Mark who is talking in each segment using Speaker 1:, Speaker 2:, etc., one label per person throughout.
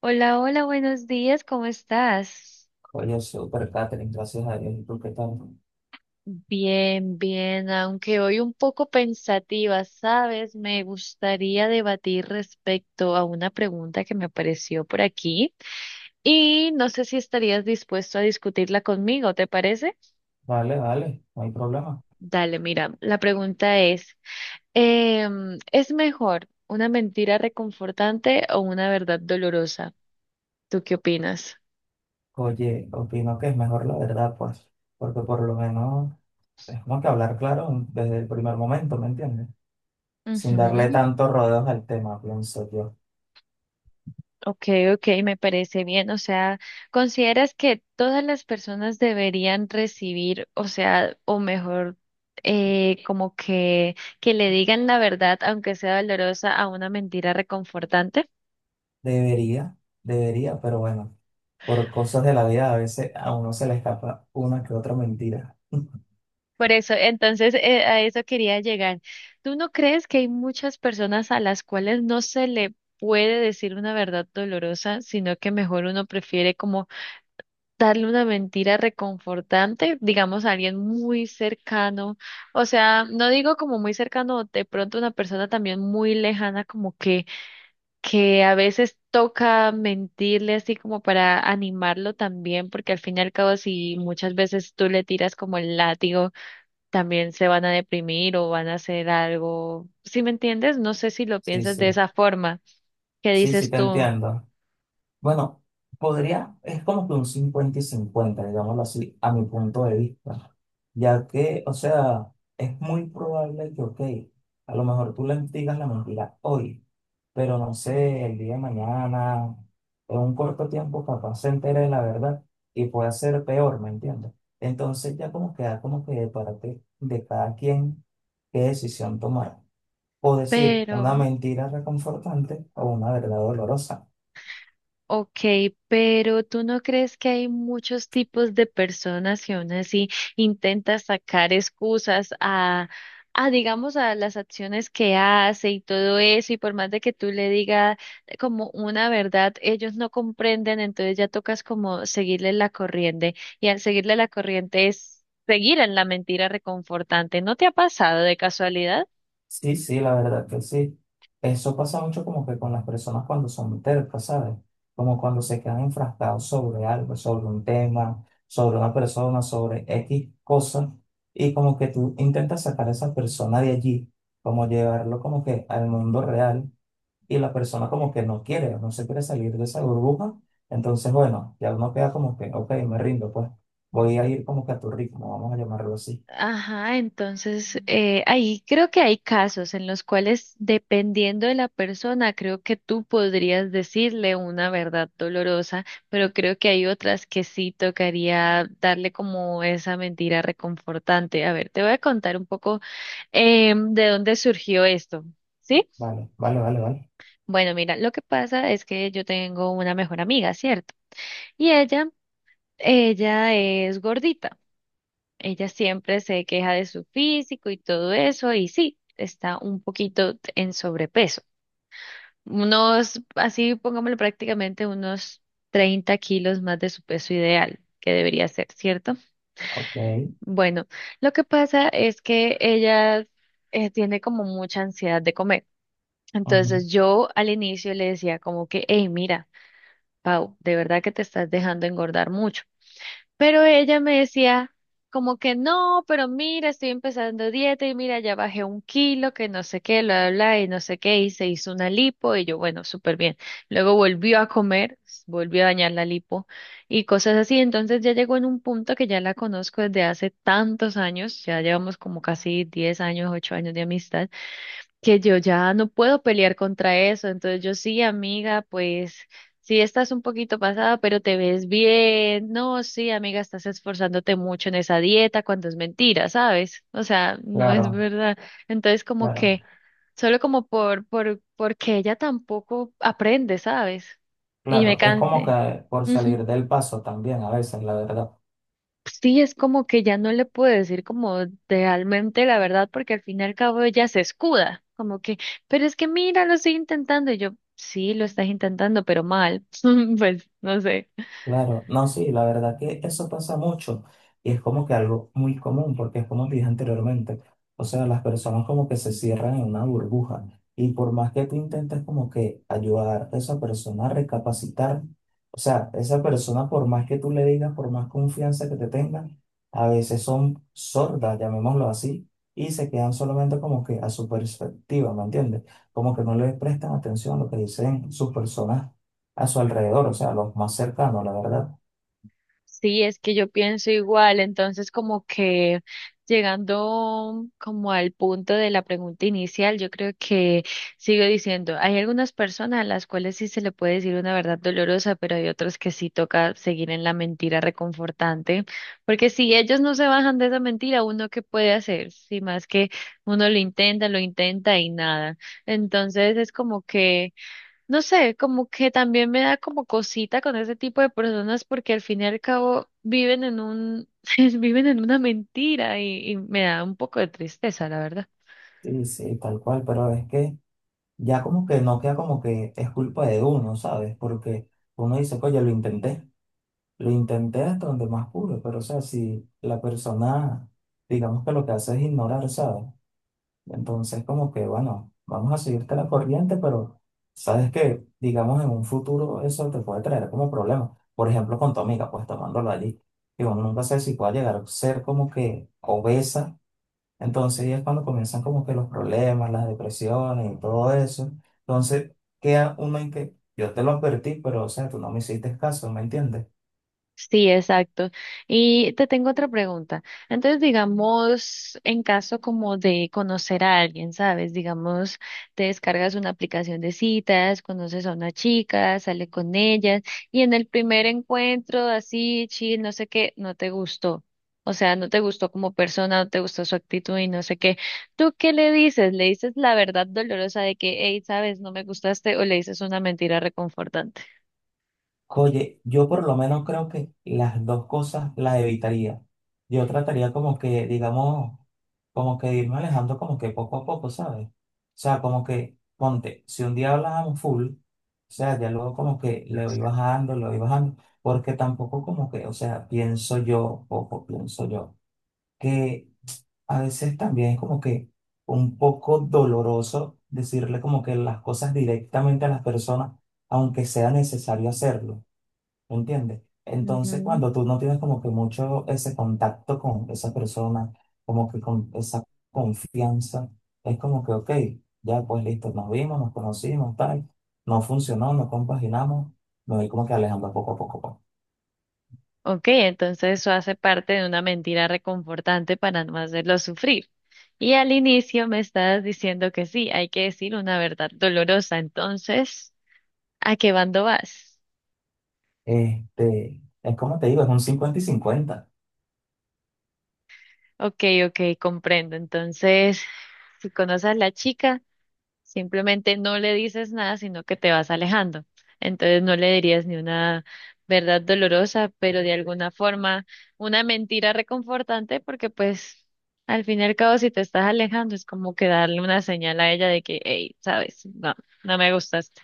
Speaker 1: Hola, hola, buenos días, ¿cómo estás?
Speaker 2: Oye, súper, Catherine, gracias a Dios. ¿Y tú qué tal?
Speaker 1: Bien, bien, aunque hoy un poco pensativa, ¿sabes? Me gustaría debatir respecto a una pregunta que me apareció por aquí y no sé si estarías dispuesto a discutirla conmigo, ¿te parece?
Speaker 2: Vale, vale, no hay problema.
Speaker 1: Dale, mira, la pregunta es, ¿es mejor una mentira reconfortante o una verdad dolorosa? ¿Tú qué opinas?
Speaker 2: Oye, opino que es mejor la verdad, pues, porque por lo menos es como que hablar claro desde el primer momento, ¿me entiendes? Sin darle
Speaker 1: Ujú.
Speaker 2: tantos rodeos al tema, pienso yo.
Speaker 1: Ok, ok, me parece bien. O sea, ¿consideras que todas las personas deberían recibir, o sea, o mejor, como que le digan la verdad, aunque sea dolorosa, a una mentira reconfortante?
Speaker 2: Debería, debería, pero bueno, por cosas de la vida a veces a uno se le escapa una que otra mentira.
Speaker 1: Por eso, entonces, a eso quería llegar. ¿Tú no crees que hay muchas personas a las cuales no se le puede decir una verdad dolorosa, sino que mejor uno prefiere como darle una mentira reconfortante, digamos a alguien muy cercano, o sea, no digo como muy cercano, de pronto una persona también muy lejana, como que a veces toca mentirle así como para animarlo también, porque al fin y al cabo si muchas veces tú le tiras como el látigo, también se van a deprimir o van a hacer algo, ¿si me entiendes? No sé si lo
Speaker 2: Sí,
Speaker 1: piensas de
Speaker 2: sí,
Speaker 1: esa forma, ¿qué
Speaker 2: sí, sí,
Speaker 1: dices
Speaker 2: te
Speaker 1: tú?
Speaker 2: entiendo. Bueno, podría, es como que un 50 y 50, digámoslo así, a mi punto de vista, ya que, o sea, es muy probable que, ok, a lo mejor tú le digas la mentira hoy, pero no sé, el día de mañana, en un corto tiempo, capaz se entere de la verdad y puede ser peor, ¿me entiendes? Entonces ya como queda como que de parte de cada quien qué decisión tomar, o decir una
Speaker 1: Pero
Speaker 2: mentira reconfortante o una verdad dolorosa.
Speaker 1: ok, pero ¿tú no crees que hay muchos tipos de personas que aún así intentan sacar excusas a digamos, a las acciones que hace y todo eso? Y por más de que tú le digas como una verdad, ellos no comprenden, entonces ya tocas como seguirle la corriente. Y al seguirle la corriente es seguir en la mentira reconfortante. ¿No te ha pasado de casualidad?
Speaker 2: Sí, sí, la verdad que sí. Eso pasa mucho como que con las personas cuando son tercas, ¿sabes? Como cuando se quedan enfrascados sobre algo, sobre un tema, sobre una persona, sobre X cosas, y como que tú intentas sacar a esa persona de allí, como llevarlo como que al mundo real, y la persona como que no quiere, no se quiere salir de esa burbuja, entonces bueno, ya uno queda como que, ok, me rindo, pues voy a ir como que a tu ritmo, vamos a llamarlo así.
Speaker 1: Ajá, entonces ahí creo que hay casos en los cuales, dependiendo de la persona, creo que tú podrías decirle una verdad dolorosa, pero creo que hay otras que sí tocaría darle como esa mentira reconfortante. A ver, te voy a contar un poco de dónde surgió esto, ¿sí?
Speaker 2: Vale, vale, vale, vale.
Speaker 1: Bueno, mira, lo que pasa es que yo tengo una mejor amiga, ¿cierto? Y ella es gordita. Ella siempre se queja de su físico y todo eso, y sí, está un poquito en sobrepeso. Unos, así pongámoslo prácticamente, unos 30 kilos más de su peso ideal, que debería ser, ¿cierto?
Speaker 2: Ok.
Speaker 1: Bueno, lo que pasa es que ella tiene como mucha ansiedad de comer.
Speaker 2: Ujú.
Speaker 1: Entonces yo al inicio le decía como que, hey, mira, Pau, de verdad que te estás dejando engordar mucho. Pero ella me decía como que no, pero mira, estoy empezando dieta y mira, ya bajé 1 kilo, que no sé qué, bla, bla, bla, y no sé qué, y se hizo una lipo y yo, bueno, súper bien. Luego volvió a comer, volvió a dañar la lipo y cosas así. Entonces ya llegó en un punto que ya la conozco desde hace tantos años, ya llevamos como casi 10 años, 8 años de amistad que yo ya no puedo pelear contra eso. Entonces yo sí, amiga, pues sí estás un poquito pasada, pero te ves bien. No, sí, amiga, estás esforzándote mucho en esa dieta cuando es mentira, ¿sabes? O sea, no es
Speaker 2: Claro.
Speaker 1: verdad. Entonces como
Speaker 2: Claro,
Speaker 1: que solo como porque ella tampoco aprende, ¿sabes? Y me
Speaker 2: claro, es como
Speaker 1: cansé.
Speaker 2: que por salir
Speaker 1: Ujú.
Speaker 2: del paso también a veces, la verdad.
Speaker 1: Sí, es como que ya no le puedo decir como realmente la verdad, porque al fin y al cabo ella se escuda, como que, pero es que mira, lo estoy intentando, y yo, sí, lo estás intentando, pero mal, pues no sé.
Speaker 2: Claro, no, sí, la verdad que eso pasa mucho y es como que algo muy común porque es como dije anteriormente, o sea, las personas como que se cierran en una burbuja y por más que tú intentes como que ayudar a esa persona a recapacitar, o sea, esa persona por más que tú le digas, por más confianza que te tenga, a veces son sordas, llamémoslo así, y se quedan solamente como que a su perspectiva, ¿me entiendes? Como que no le prestan atención a lo que dicen sus personas a su alrededor, o sea, los más cercanos, la verdad.
Speaker 1: Sí, es que yo pienso igual, entonces como que llegando como al punto de la pregunta inicial, yo creo que sigo diciendo, hay algunas personas a las cuales sí se le puede decir una verdad dolorosa, pero hay otras que sí toca seguir en la mentira reconfortante, porque si ellos no se bajan de esa mentira, ¿uno qué puede hacer? Si más que uno lo intenta y nada. Entonces es como que... No sé, como que también me da como cosita con ese tipo de personas porque al fin y al cabo viven en un, viven en una mentira y me da un poco de tristeza, la verdad.
Speaker 2: Sí, sí, tal cual, pero es que ya como que no queda como que es culpa de uno, ¿sabes? Porque uno dice, oye, lo intenté hasta donde más pude, pero o sea, si la persona, digamos que lo que hace es ignorar, ¿sabes? Entonces como que, bueno, vamos a seguirte la corriente, pero sabes que, digamos, en un futuro eso te puede traer como problema. Por ejemplo, con tu amiga, pues tomándolo allí, que uno nunca sabe si puede llegar a ser como que obesa. Entonces ahí es cuando comienzan como que los problemas, las depresiones y todo eso. Entonces queda uno en que yo te lo advertí, pero o sea, tú no me hiciste caso, ¿me entiendes?
Speaker 1: Sí, exacto. Y te tengo otra pregunta. Entonces, digamos, en caso como de conocer a alguien, ¿sabes? Digamos, te descargas una aplicación de citas, conoces a una chica, sale con ella, y en el primer encuentro, así, chill, no sé qué, no te gustó. O sea, no te gustó como persona, no te gustó su actitud y no sé qué. ¿Tú qué le dices? ¿Le dices la verdad dolorosa de que, hey, sabes, no me gustaste, o le dices una mentira reconfortante?
Speaker 2: Oye, yo por lo menos creo que las dos cosas las evitaría. Yo trataría como que, digamos, como que irme alejando como que poco a poco, ¿sabes? O sea, como que, ponte, si un día hablábamos full, o sea, ya luego como que le voy bajando, porque tampoco como que, o sea, pienso yo, poco pienso yo. Que a veces también es como que un poco doloroso decirle como que las cosas directamente a las personas, aunque sea necesario hacerlo, ¿me entiendes? Entonces, cuando tú no tienes como que mucho ese contacto con esa persona, como que con esa confianza, es como que, ok, ya pues listo, nos vimos, nos conocimos, tal, no funcionó, no compaginamos, me voy como que alejando poco a poco, pues.
Speaker 1: Ok, entonces eso hace parte de una mentira reconfortante para no hacerlo sufrir. Y al inicio me estabas diciendo que sí, hay que decir una verdad dolorosa. Entonces, ¿a qué bando vas?
Speaker 2: Este, es como te digo, es un 50 y 50.
Speaker 1: Ok, ok, comprendo. Entonces, si conoces a la chica, simplemente no le dices nada, sino que te vas alejando. Entonces no le dirías ni una verdad dolorosa, pero de alguna forma una mentira reconfortante, porque pues al fin y al cabo si te estás alejando es como que darle una señal a ella de que, hey, sabes, no, no me gustaste.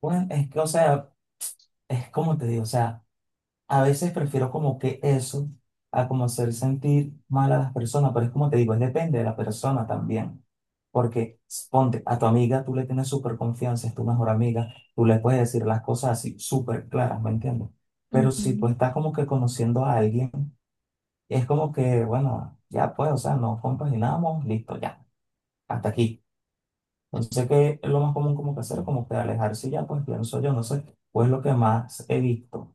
Speaker 2: Bueno, es que, o sea, es como te digo, o sea, a veces prefiero como que eso a como hacer sentir mal a las personas, pero es como te digo, es depende de la persona también. Porque ponte, a tu amiga tú le tienes súper confianza, es tu mejor amiga, tú le puedes decir las cosas así súper claras, ¿me entiendes? Pero si tú
Speaker 1: Ujú.
Speaker 2: estás como que conociendo a alguien, es como que, bueno, ya pues, o sea, nos compaginamos, listo, ya, hasta aquí. Entonces, que es lo más común como que hacer? Como que alejarse y ya, pues pienso yo, no sé, pues lo que más he visto.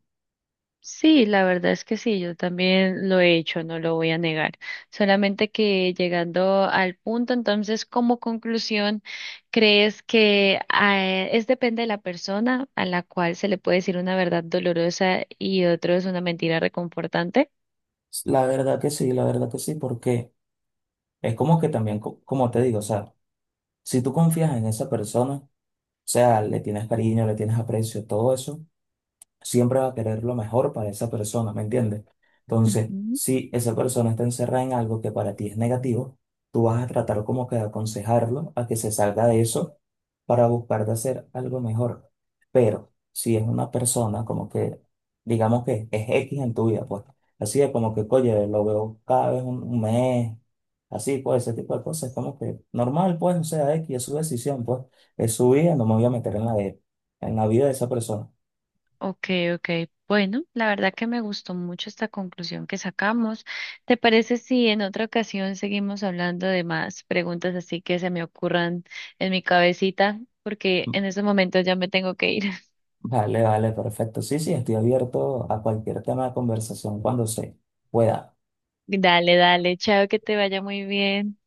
Speaker 1: Sí, la verdad es que sí, yo también lo he hecho, no lo voy a negar. Solamente que llegando al punto, entonces, como conclusión, ¿crees que es depende de la persona a la cual se le puede decir una verdad dolorosa y otro es una mentira reconfortante?
Speaker 2: La verdad que sí, la verdad que sí, porque es como que también, como te digo, o sea, si tú confías en esa persona, o sea, le tienes cariño, le tienes aprecio, todo eso, siempre va a querer lo mejor para esa persona, ¿me entiendes? Entonces,
Speaker 1: Ujú.
Speaker 2: si esa persona está encerrada en algo que para ti es negativo, tú vas a tratar como que de aconsejarlo a que se salga de eso para buscar de hacer algo mejor. Pero si es una persona como que, digamos que es X en tu vida, pues así es como que, oye, lo veo cada vez un mes, así, pues ese tipo de cosas, es como que normal, pues, o sea, X es su decisión, pues es su vida, no me voy a meter en la de, en la vida de esa persona.
Speaker 1: Ok, ok. Bueno, la verdad que me gustó mucho esta conclusión que sacamos. ¿Te parece si en otra ocasión seguimos hablando de más preguntas así que se me ocurran en mi cabecita? Porque
Speaker 2: Mm.
Speaker 1: en ese momento ya me tengo que ir.
Speaker 2: Vale, vale, perfecto. Sí, sí, estoy abierto a cualquier tema de conversación cuando se pueda.
Speaker 1: Dale, dale, chao, que te vaya muy bien.